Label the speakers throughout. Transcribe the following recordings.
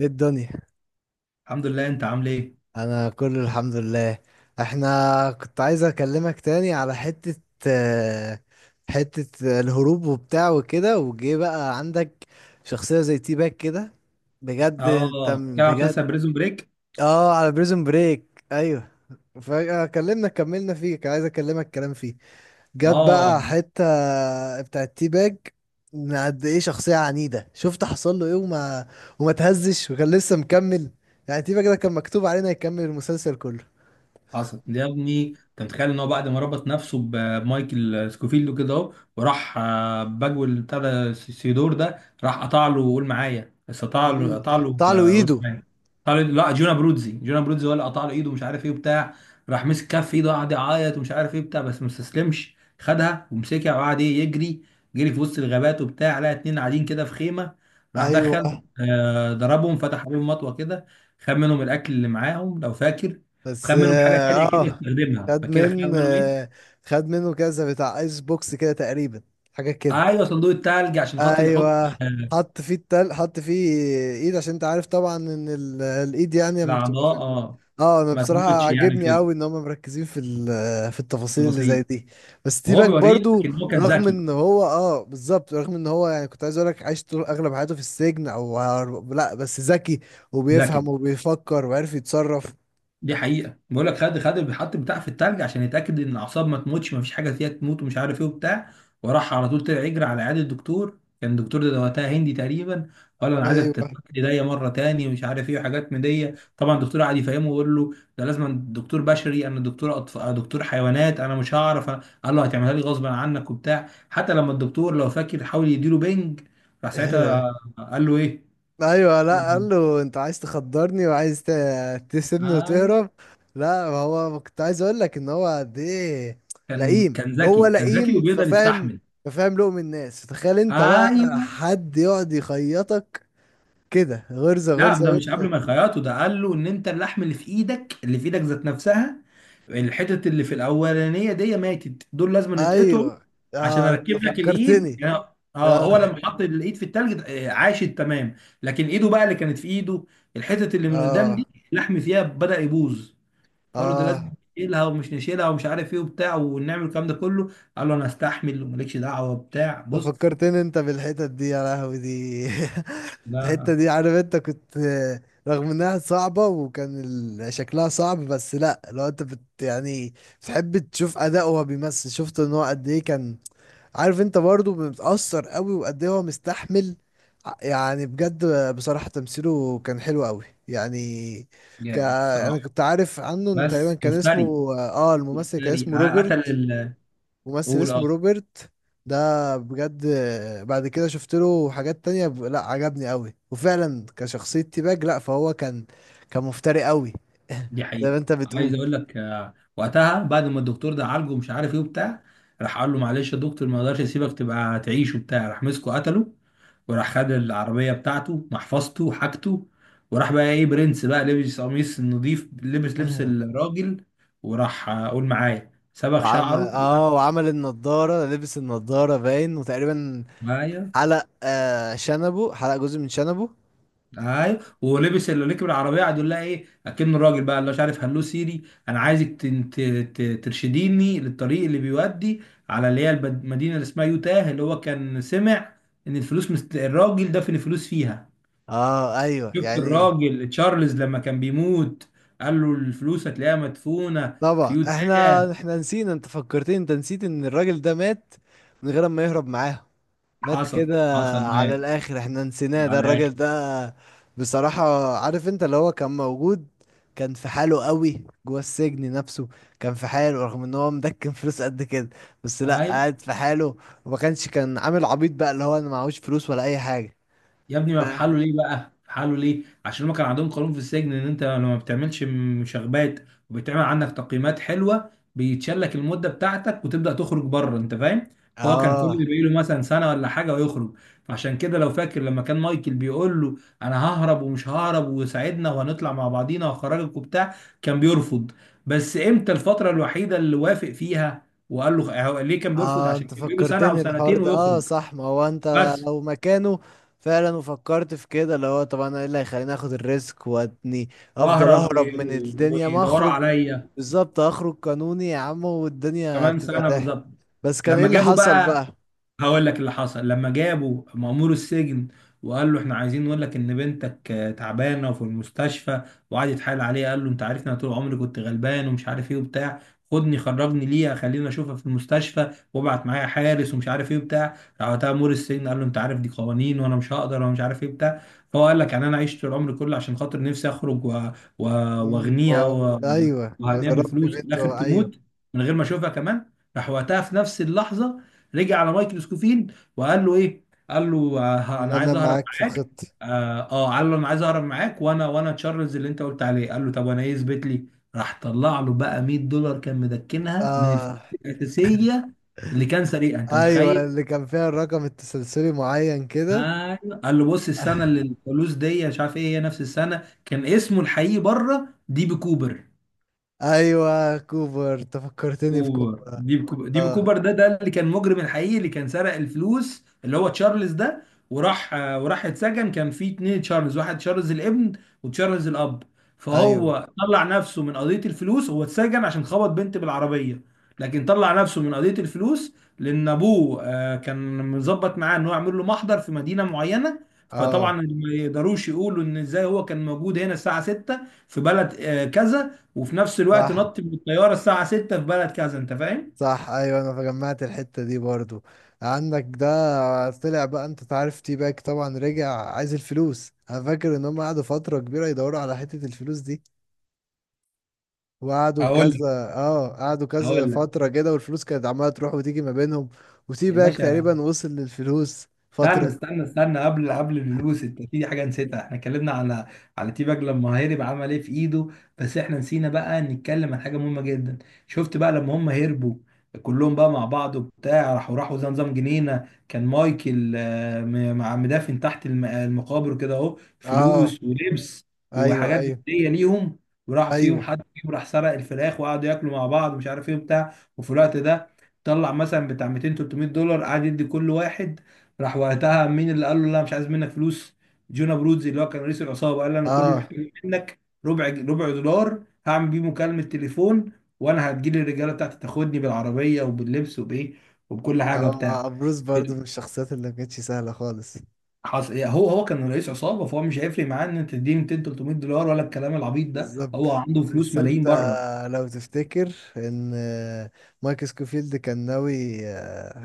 Speaker 1: ايه الدنيا؟
Speaker 2: الحمد لله. انت عامل ايه؟
Speaker 1: انا كله الحمد لله. احنا كنت عايز اكلمك تاني على حتة، آه، حتة الهروب وبتاع وكده، وجه بقى عندك شخصية زي تي باك كده. بجد انت
Speaker 2: اه بتتكلم عن
Speaker 1: بجد.
Speaker 2: مسلسل بريزون بريك؟
Speaker 1: اه، على بريزون بريك، ايوه. فكلمنا كملنا فيه، كان عايز اكلمك كلام فيه. جت
Speaker 2: اه
Speaker 1: بقى حتة بتاعت تي باج، من قد ايه شخصية عنيدة. شفت حصل له ايه، وما تهزش وكان لسه مكمل. يعني تي باج ده كان مكتوب علينا يكمل المسلسل كله.
Speaker 2: حصل ده يا ابني. انت متخيل ان هو بعد ما ربط نفسه بمايكل سكوفيلد كده اهو، وراح باجول بتاع ده سيدور ده، راح قطع له، قول معايا، بس قطع
Speaker 1: امم
Speaker 2: له قطع له
Speaker 1: قطع له
Speaker 2: آه، قول
Speaker 1: ايده.
Speaker 2: معايا قطع له. لا، جونا برودزي هو اللي قطع له ايده ومش عارف ايه وبتاع. راح مسك كف ايده وقعد يعيط ومش عارف ايه بتاع، بس ما استسلمش، خدها ومسكها وقعد ايه يجري، جري في وسط الغابات وبتاع. لقى اتنين قاعدين كده في خيمه، راح دخل
Speaker 1: ايوه،
Speaker 2: ضربهم، فتح عليهم مطوه كده، خد منهم الاكل اللي معاهم لو فاكر. خد
Speaker 1: بس
Speaker 2: منهم حاجه
Speaker 1: اه،
Speaker 2: تانيه كده يستخدمها،
Speaker 1: خد
Speaker 2: فاكر خد
Speaker 1: من
Speaker 2: منهم ايه؟
Speaker 1: آه خد منه كذا بتاع ايس بوكس كده تقريبا، حاجة كده.
Speaker 2: ايوه، صندوق التلج عشان خاطر يحط
Speaker 1: ايوه،
Speaker 2: آه،
Speaker 1: حط فيه حط فيه ايد، عشان انت عارف طبعا ان الايد يعني لما بتبقى في
Speaker 2: الاعضاء. اه،
Speaker 1: اه، انا
Speaker 2: ما
Speaker 1: بصراحه
Speaker 2: تموتش يعني
Speaker 1: عاجبني
Speaker 2: كده،
Speaker 1: قوي ان هم مركزين في في التفاصيل اللي زي
Speaker 2: بسيط.
Speaker 1: دي. بس تي
Speaker 2: وهو
Speaker 1: باك
Speaker 2: بيوريك
Speaker 1: برضو،
Speaker 2: ان هو كان
Speaker 1: رغم
Speaker 2: ذكي.
Speaker 1: ان هو اه، بالظبط، رغم ان هو يعني كنت عايز اقول لك عايش طول اغلب حياته في السجن او لا، بس ذكي
Speaker 2: ذكي،
Speaker 1: وبيفهم وبيفكر وعارف يتصرف.
Speaker 2: دي حقيقة. بقول لك، خد الحط بتاع في التلج عشان يتأكد ان الاعصاب ما تموتش، ما فيش حاجة فيها تموت ومش عارف ايه وبتاع. وراح على طول طلع يجري على عيادة الدكتور. كان الدكتور ده وقتها هندي تقريبا، ولا انا عايزك تفك
Speaker 1: ايوه.
Speaker 2: ايديا مرة تاني ومش عارف ايه وحاجات من دي. طبعا الدكتور قعد يفهمه ويقول له ده لازم دكتور بشري، انا دكتور دكتور حيوانات، انا مش هعرف أنا... قال له هتعملها لي غصبا عنك وبتاع. حتى لما الدكتور لو فاكر حاول يديله بنج، راح ساعتها قال له ايه؟
Speaker 1: ايوه،
Speaker 2: قال
Speaker 1: لا،
Speaker 2: له
Speaker 1: قال له انت عايز تخدرني وعايز
Speaker 2: إيه؟
Speaker 1: تسيبني
Speaker 2: ايوه،
Speaker 1: وتهرب. لا، ما هو ما كنت عايز اقول لك ان هو قد ايه
Speaker 2: كان
Speaker 1: لئيم.
Speaker 2: كان ذكي
Speaker 1: هو
Speaker 2: كان ذكي
Speaker 1: لئيم
Speaker 2: وبيقدر
Speaker 1: ففاهم،
Speaker 2: يستحمل.
Speaker 1: ففاهم لقم الناس. تخيل انت بقى
Speaker 2: ايوه.
Speaker 1: حد يقعد يخيطك كده، غرزة
Speaker 2: لا،
Speaker 1: غرزة
Speaker 2: ده مش قبل
Speaker 1: وانت.
Speaker 2: ما يخيطوا، ده قال له ان انت اللحم اللي في ايدك، اللي في ايدك ذات نفسها، الحتت اللي في الاولانيه دي ماتت، دول لازم يتقطعوا
Speaker 1: ايوه،
Speaker 2: عشان
Speaker 1: اه، انت
Speaker 2: اركب لك الايد
Speaker 1: فكرتني.
Speaker 2: يعني. اه
Speaker 1: اه،
Speaker 2: هو لما حط الايد في التلج عاشت تمام، لكن ايده بقى اللي كانت في ايده، الحتت اللي من قدام
Speaker 1: اه،
Speaker 2: دي، اللحم فيها بدأ يبوظ. فقالوا ده لازم
Speaker 1: اه،
Speaker 2: نشيلها ومش عارف ايه وبتاع ونعمل الكلام ده كله. قال له انا استحمل ومالكش دعوه وبتاع،
Speaker 1: ده
Speaker 2: بص.
Speaker 1: فكرتني انت بالحتت دي، يا لهوي دي. الحتة
Speaker 2: لا
Speaker 1: دي عارف انت كنت، رغم انها صعبة، وكان شكلها صعب، بس لا، لو انت يعني بتحب تشوف اداءه وهو بيمثل، شفت ان هو قد ايه كان. عارف انت برضه بيتأثر قوي وقد ايه هو مستحمل، يعني بجد، بصراحة تمثيله كان حلو قوي يعني.
Speaker 2: جامد
Speaker 1: انا
Speaker 2: الصراحه،
Speaker 1: كنت عارف عنه ان تقريبا
Speaker 2: بس
Speaker 1: كان
Speaker 2: مفتري.
Speaker 1: اسمه اه، الممثل كان
Speaker 2: الفري
Speaker 1: اسمه
Speaker 2: قتل
Speaker 1: روبرت. ممثل
Speaker 2: قول
Speaker 1: اسمه
Speaker 2: اه.
Speaker 1: روبرت ده، بجد، بعد كده شفت له حاجات تانية لا، عجبني قوي، وفعلا كشخصية تيباج، لا فهو كان كان مفتري قوي،
Speaker 2: دي
Speaker 1: زي ما
Speaker 2: حقيقة.
Speaker 1: انت بتقول.
Speaker 2: عايز اقول لك وقتها بعد ما الدكتور ده عالجه مش عارف ايه وبتاع، راح قال له معلش يا دكتور، ما اقدرش اسيبك تبقى تعيش وبتاع، راح مسكه قتله. وراح خد العربية بتاعته، محفظته، وحاجته. وراح بقى ايه، برنس بقى، لبس قميص نظيف، لبس لبس الراجل، وراح قول معايا صبغ
Speaker 1: وعمل
Speaker 2: شعره.
Speaker 1: اه،
Speaker 2: لا،
Speaker 1: وعمل النضارة، لبس النضارة باين، وتقريبا
Speaker 2: معايا.
Speaker 1: حلق شنبه، حلق جزء من شنبه.
Speaker 2: ايوه، ولبس اللي ركب العربيه، قعد يقول لها ايه اكنه الراجل بقى اللي مش عارف هلو سيري، انا عايزك ترشديني للطريق اللي بيودي على اللي هي المدينه اللي اسمها يوتاه. اللي هو كان سمع ان الفلوس الراجل دفن الفلوس فيها.
Speaker 1: اه ايوه
Speaker 2: شفت
Speaker 1: يعني.
Speaker 2: الراجل تشارلز لما كان بيموت قال له الفلوس هتلاقيها مدفونه في
Speaker 1: طبعا احنا
Speaker 2: يوتاه.
Speaker 1: احنا نسينا، انت فكرتني، انت نسيت ان الراجل ده مات من غير ما يهرب معاهم، مات
Speaker 2: حصل
Speaker 1: كده.
Speaker 2: حصل
Speaker 1: على
Speaker 2: مات
Speaker 1: الاخر احنا نسيناه ده
Speaker 2: على
Speaker 1: الراجل
Speaker 2: الاخر.
Speaker 1: ده، بصراحة. عارف انت اللي هو كان موجود، كان في حاله قوي جوه السجن نفسه. كان في حاله رغم ان هو مدكن فلوس قد كده، بس لا،
Speaker 2: ايوه
Speaker 1: قاعد في حاله. وما كانش كان عامل عبيط بقى، اللي هو انا معهوش فلوس ولا اي حاجة.
Speaker 2: يا ابني، ما في حاله
Speaker 1: فاهم.
Speaker 2: ليه بقى، في حاله ليه؟ عشان هما كان عندهم قانون في السجن ان انت لما ما بتعملش مشاغبات وبتعمل عندك تقييمات حلوه بيتشال لك المده بتاعتك وتبدا تخرج بره، انت فاهم. فهو كان كل
Speaker 1: اه،
Speaker 2: اللي بيقول له مثلا سنه ولا حاجه ويخرج. فعشان كده لو فاكر لما كان مايكل بيقول له انا ههرب ومش ههرب وساعدنا وهنطلع مع بعضينا وهخرجك وبتاع، كان بيرفض. بس امتى الفتره الوحيده اللي وافق فيها؟ وقال له هو ليه كان بيرفض؟
Speaker 1: اه،
Speaker 2: عشان
Speaker 1: انت
Speaker 2: كان بيقول له سنه او
Speaker 1: فكرتني الحوار
Speaker 2: سنتين
Speaker 1: ده، اه
Speaker 2: ويخرج
Speaker 1: صح، ما هو انت
Speaker 2: بس.
Speaker 1: لو مكانه فعلا، وفكرت في كده، اللي هو طب انا ايه اللي هيخليني اخد الريسك واتني؟ افضل
Speaker 2: واهرب
Speaker 1: اهرب من الدنيا ما
Speaker 2: ويدوروا
Speaker 1: اخرج.
Speaker 2: عليا،
Speaker 1: بالظبط، اخرج قانوني يا عم، والدنيا
Speaker 2: كمان
Speaker 1: هتبقى
Speaker 2: سنه
Speaker 1: تحت.
Speaker 2: بالظبط.
Speaker 1: بس كان ايه
Speaker 2: لما
Speaker 1: اللي
Speaker 2: جابوا
Speaker 1: حصل بقى؟
Speaker 2: بقى، هقول لك اللي حصل، لما جابوا مأمور السجن وقال له احنا عايزين نقول لك ان بنتك تعبانه وفي المستشفى. وقعد يتحايل عليه قال له انت عارفني، انا طول عمري كنت غلبان ومش عارف ايه وبتاع، خدني خرجني ليها خليني اشوفها في المستشفى وابعت معايا حارس ومش عارف ايه وبتاع. راح وقتها مأمور السجن قال له انت عارف دي قوانين، وانا مش هقدر وانا مش عارف ايه بتاع. فهو قال لك يعني انا عشت طول عمري كله عشان خاطر نفسي اخرج و- واغنيها
Speaker 1: ايوه،
Speaker 2: وهنيها
Speaker 1: وضربت
Speaker 2: بالفلوس، وفي
Speaker 1: بنت،
Speaker 2: الاخر
Speaker 1: ايوه.
Speaker 2: تموت من غير ما اشوفها كمان. راح وقتها في نفس اللحظه رجع على مايكل سكوفيلد وقال له ايه؟ قال له
Speaker 1: لا،
Speaker 2: انا
Speaker 1: انا
Speaker 2: عايز اهرب
Speaker 1: معاك في
Speaker 2: معاك.
Speaker 1: الخطه.
Speaker 2: قال له انا عايز اهرب معاك، وانا تشارلز اللي انت قلت عليه. قال له طب وانا ايه، اثبت لي. راح طلع له بقى $100 كان مدكنها من الفلوس
Speaker 1: اه
Speaker 2: الاساسيه اللي كان سريقها، انت
Speaker 1: ايوه،
Speaker 2: متخيل؟
Speaker 1: اللي كان فيها الرقم التسلسلي معين كده.
Speaker 2: ايوه، قال له بص السنه اللي الفلوس دي مش عارف ايه هي نفس السنه. كان اسمه الحقيقي بره دي بي كوبر.
Speaker 1: ايوه كوبر، تفكرتني في
Speaker 2: كوبر
Speaker 1: كوبر.
Speaker 2: ديب كوبر ديب
Speaker 1: اه
Speaker 2: كوبر ده اللي كان مجرم الحقيقي اللي كان سرق الفلوس، اللي هو تشارلز ده. وراح وراح اتسجن. كان في اتنين تشارلز، واحد تشارلز الابن وتشارلز الاب.
Speaker 1: ايوه،
Speaker 2: فهو طلع نفسه من قضية الفلوس، هو اتسجن عشان خبط بنت بالعربية، لكن طلع نفسه من قضية الفلوس لأن أبوه كان مظبط معاه إن هو يعمل له محضر في مدينة معينة. فطبعا
Speaker 1: اه
Speaker 2: ما يقدروش يقولوا إن إزاي هو كان موجود هنا الساعة 6 في بلد كذا، وفي نفس الوقت
Speaker 1: صح،
Speaker 2: نط من الطياره الساعه 6 في بلد كذا، انت فاهم؟
Speaker 1: صح ايوه. انا فجمعت الحته دي برضو عندك، ده طلع بقى انت تعرف. تي باك طبعا رجع عايز الفلوس، انا فاكر ان هم قعدوا فتره كبيره يدوروا على حته الفلوس دي. وقعدوا
Speaker 2: هقول لك
Speaker 1: كذا اه، قعدوا كذا
Speaker 2: هقول لك
Speaker 1: فتره كده، والفلوس كانت عماله تروح وتيجي ما بينهم، وتي
Speaker 2: يا
Speaker 1: باك
Speaker 2: باشا،
Speaker 1: تقريبا وصل للفلوس
Speaker 2: استنى
Speaker 1: فتره.
Speaker 2: استنى استنى قبل الفلوس، انت في حاجه نسيتها. احنا اتكلمنا على تي باج لما هرب عمل ايه في ايده، بس احنا نسينا بقى نتكلم عن حاجه مهمه جدا. شفت بقى لما هم هربوا كلهم بقى مع بعض وبتاع، راحوا زي نظام جنينه. كان مايكل مع مدافن تحت المقابر كده اهو،
Speaker 1: اه.
Speaker 2: فلوس ولبس
Speaker 1: ايوه،
Speaker 2: وحاجات
Speaker 1: ايوه،
Speaker 2: جديه ليهم. وراح فيهم
Speaker 1: ايوه.
Speaker 2: حد فيهم راح سرق الفراخ وقعدوا ياكلوا مع بعض مش عارف ايه وبتاع. وفي الوقت ده طلع مثلا بتاع 200 $300، قعد يدي كل واحد. راح وقتها مين اللي قال له لا مش عايز منك فلوس؟ جونا برودزي اللي هو كان رئيس العصابه، قال له انا كل اللي
Speaker 1: اه،
Speaker 2: محتاجه منك ربع دولار هعمل بيه مكالمه تليفون، وانا هتجيلي الرجاله بتاعتي تاخدني بالعربيه وباللبس وبايه وبكل حاجه بتاع.
Speaker 1: اه، بروس
Speaker 2: في
Speaker 1: برضو من الشخصيات اللي ما كانتش سهله خالص.
Speaker 2: هو كان رئيس عصابه، فهو مش هيفرق معاه ان انت تديني 200 $300 ولا الكلام العبيط ده،
Speaker 1: بالظبط.
Speaker 2: هو عنده فلوس
Speaker 1: بس
Speaker 2: ملايين
Speaker 1: انت
Speaker 2: بره.
Speaker 1: لو تفتكر ان مايك سكوفيلد كان ناوي،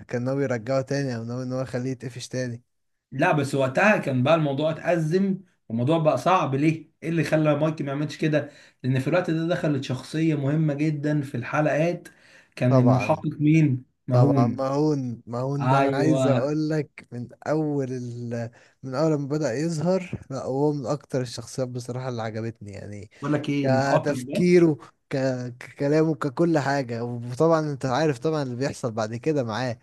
Speaker 1: كان ناوي يرجعه تاني، او ناوي ان هو يخليه يتقفش تاني؟
Speaker 2: لا بس وقتها كان بقى الموضوع اتأزم، والموضوع بقى صعب. ليه؟ ايه اللي خلى مايك ما يعملش كده؟ لأن في الوقت ده دخلت شخصية مهمة جدا في الحلقات. كان
Speaker 1: طبعا،
Speaker 2: المحقق مين؟
Speaker 1: طبعا،
Speaker 2: مهون.
Speaker 1: مهون. مهون ده انا عايز
Speaker 2: ايوه،
Speaker 1: اقول لك من اول من اول ما بدأ يظهر، لا هو من اكتر الشخصيات بصراحة اللي عجبتني يعني،
Speaker 2: بقول لك ايه، المحقق ده،
Speaker 1: كتفكيره، ك... ككلامه، ككل حاجة. وطبعا انت عارف طبعا اللي بيحصل بعد كده معاه.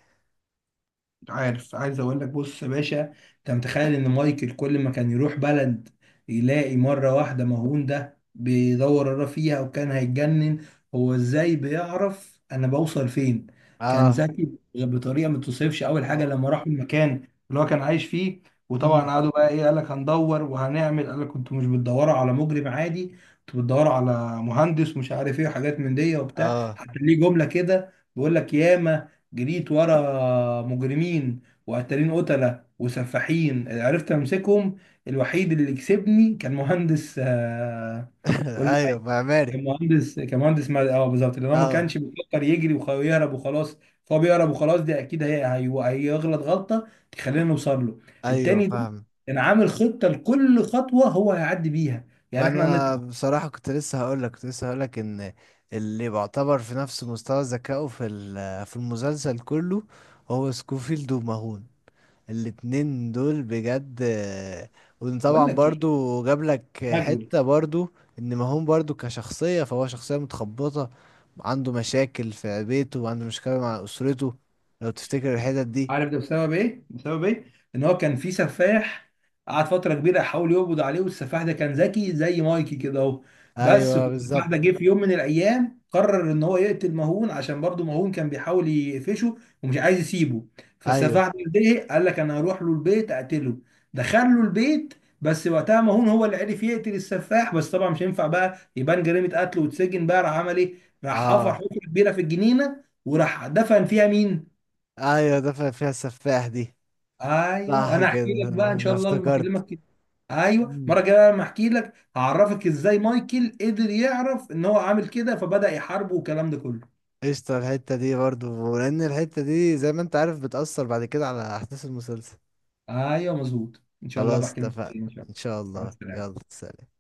Speaker 2: عارف، عايز اقول لك بص يا باشا، انت متخيل ان مايكل كل ما كان يروح بلد يلاقي مرة واحدة مهون ده بيدور وراه فيها، وكان هيتجنن، هو ازاي بيعرف انا بوصل فين؟ كان
Speaker 1: اه،
Speaker 2: ذكي بطريقة ما توصفش. اول حاجة
Speaker 1: اه.
Speaker 2: لما راح المكان اللي هو كان عايش فيه، وطبعا
Speaker 1: امم.
Speaker 2: قعدوا بقى ايه، قال لك هندور وهنعمل، قال لك كنتوا مش بتدوروا على مجرم عادي، كنتوا بتدوروا على مهندس مش عارف ايه وحاجات من دي وبتاع.
Speaker 1: اه.
Speaker 2: حتى ليه جملة كده بيقول لك ياما جريت ورا مجرمين وقتالين قتلة وسفاحين عرفت امسكهم، الوحيد اللي كسبني كان مهندس
Speaker 1: ايوه
Speaker 2: والمعيد.
Speaker 1: معماري.
Speaker 2: كان مهندس بالظبط، لان هو ما
Speaker 1: اه
Speaker 2: كانش بيفكر يجري ويهرب وخلاص، فهو بيهرب وخلاص دي اكيد هيغلط غلطة تخلينا نوصل له.
Speaker 1: ايوه
Speaker 2: التاني ده
Speaker 1: فاهم.
Speaker 2: كان عامل خطة لكل خطوة هو هيعدي بيها،
Speaker 1: ما
Speaker 2: يعني احنا
Speaker 1: انا
Speaker 2: هنطلع.
Speaker 1: بصراحه كنت لسه هقول لك، كنت لسه هقول لك ان اللي بيعتبر في نفس مستوى ذكائه في في المسلسل كله هو سكوفيلد وماهون، الاتنين دول بجد.
Speaker 2: بقول
Speaker 1: وطبعا
Speaker 2: لك ايه،
Speaker 1: برضو جاب لك
Speaker 2: مجهول.
Speaker 1: حته برضو ان ماهون برضو كشخصيه، فهو شخصيه متخبطه، عنده مشاكل في بيته وعنده مشكله مع اسرته. لو تفتكر الحتت دي.
Speaker 2: عارف ده بسبب ايه؟ بسبب ايه؟ ان هو كان في سفاح، قعد فتره كبيره يحاول يقبض عليه، والسفاح ده كان ذكي زي مايكي كده اهو. بس
Speaker 1: ايوه
Speaker 2: السفاح
Speaker 1: بالظبط.
Speaker 2: ده جه في يوم من الايام قرر ان هو يقتل مهون، عشان برضه مهون كان بيحاول يقفشه ومش عايز يسيبه.
Speaker 1: ايوه
Speaker 2: فالسفاح ده زهق، قال لك انا هروح له البيت اقتله، دخل له البيت. بس وقتها مهون هو اللي عرف يقتل السفاح، بس طبعا مش هينفع بقى يبان جريمه قتل وتسجن بقى. راح عمل ايه؟ راح حفر
Speaker 1: اه
Speaker 2: حفره كبيره في الجنينه وراح دفن فيها مين؟
Speaker 1: ايوه، ده فيها السفاح دي.
Speaker 2: ايوه،
Speaker 1: صح
Speaker 2: انا
Speaker 1: كده،
Speaker 2: احكي لك بقى
Speaker 1: انا
Speaker 2: ان شاء
Speaker 1: أنا
Speaker 2: الله لما
Speaker 1: افتكرت.
Speaker 2: اكلمك كده. ايوه المره
Speaker 1: مم.
Speaker 2: الجايه بقى لما احكي لك هعرفك ازاي مايكل قدر يعرف ان هو عامل كده، فبدأ يحاربه والكلام ده كله.
Speaker 1: قشطة الحتة دي برضو، لأن الحتة دي زي ما انت عارف بتأثر بعد كده على أحداث المسلسل.
Speaker 2: ايوه مظبوط، ان شاء الله
Speaker 1: خلاص
Speaker 2: بحكي لك
Speaker 1: اتفقنا،
Speaker 2: كتير ان شاء
Speaker 1: إن
Speaker 2: الله.
Speaker 1: شاء
Speaker 2: مع
Speaker 1: الله. يلا
Speaker 2: السلامه.
Speaker 1: سلام.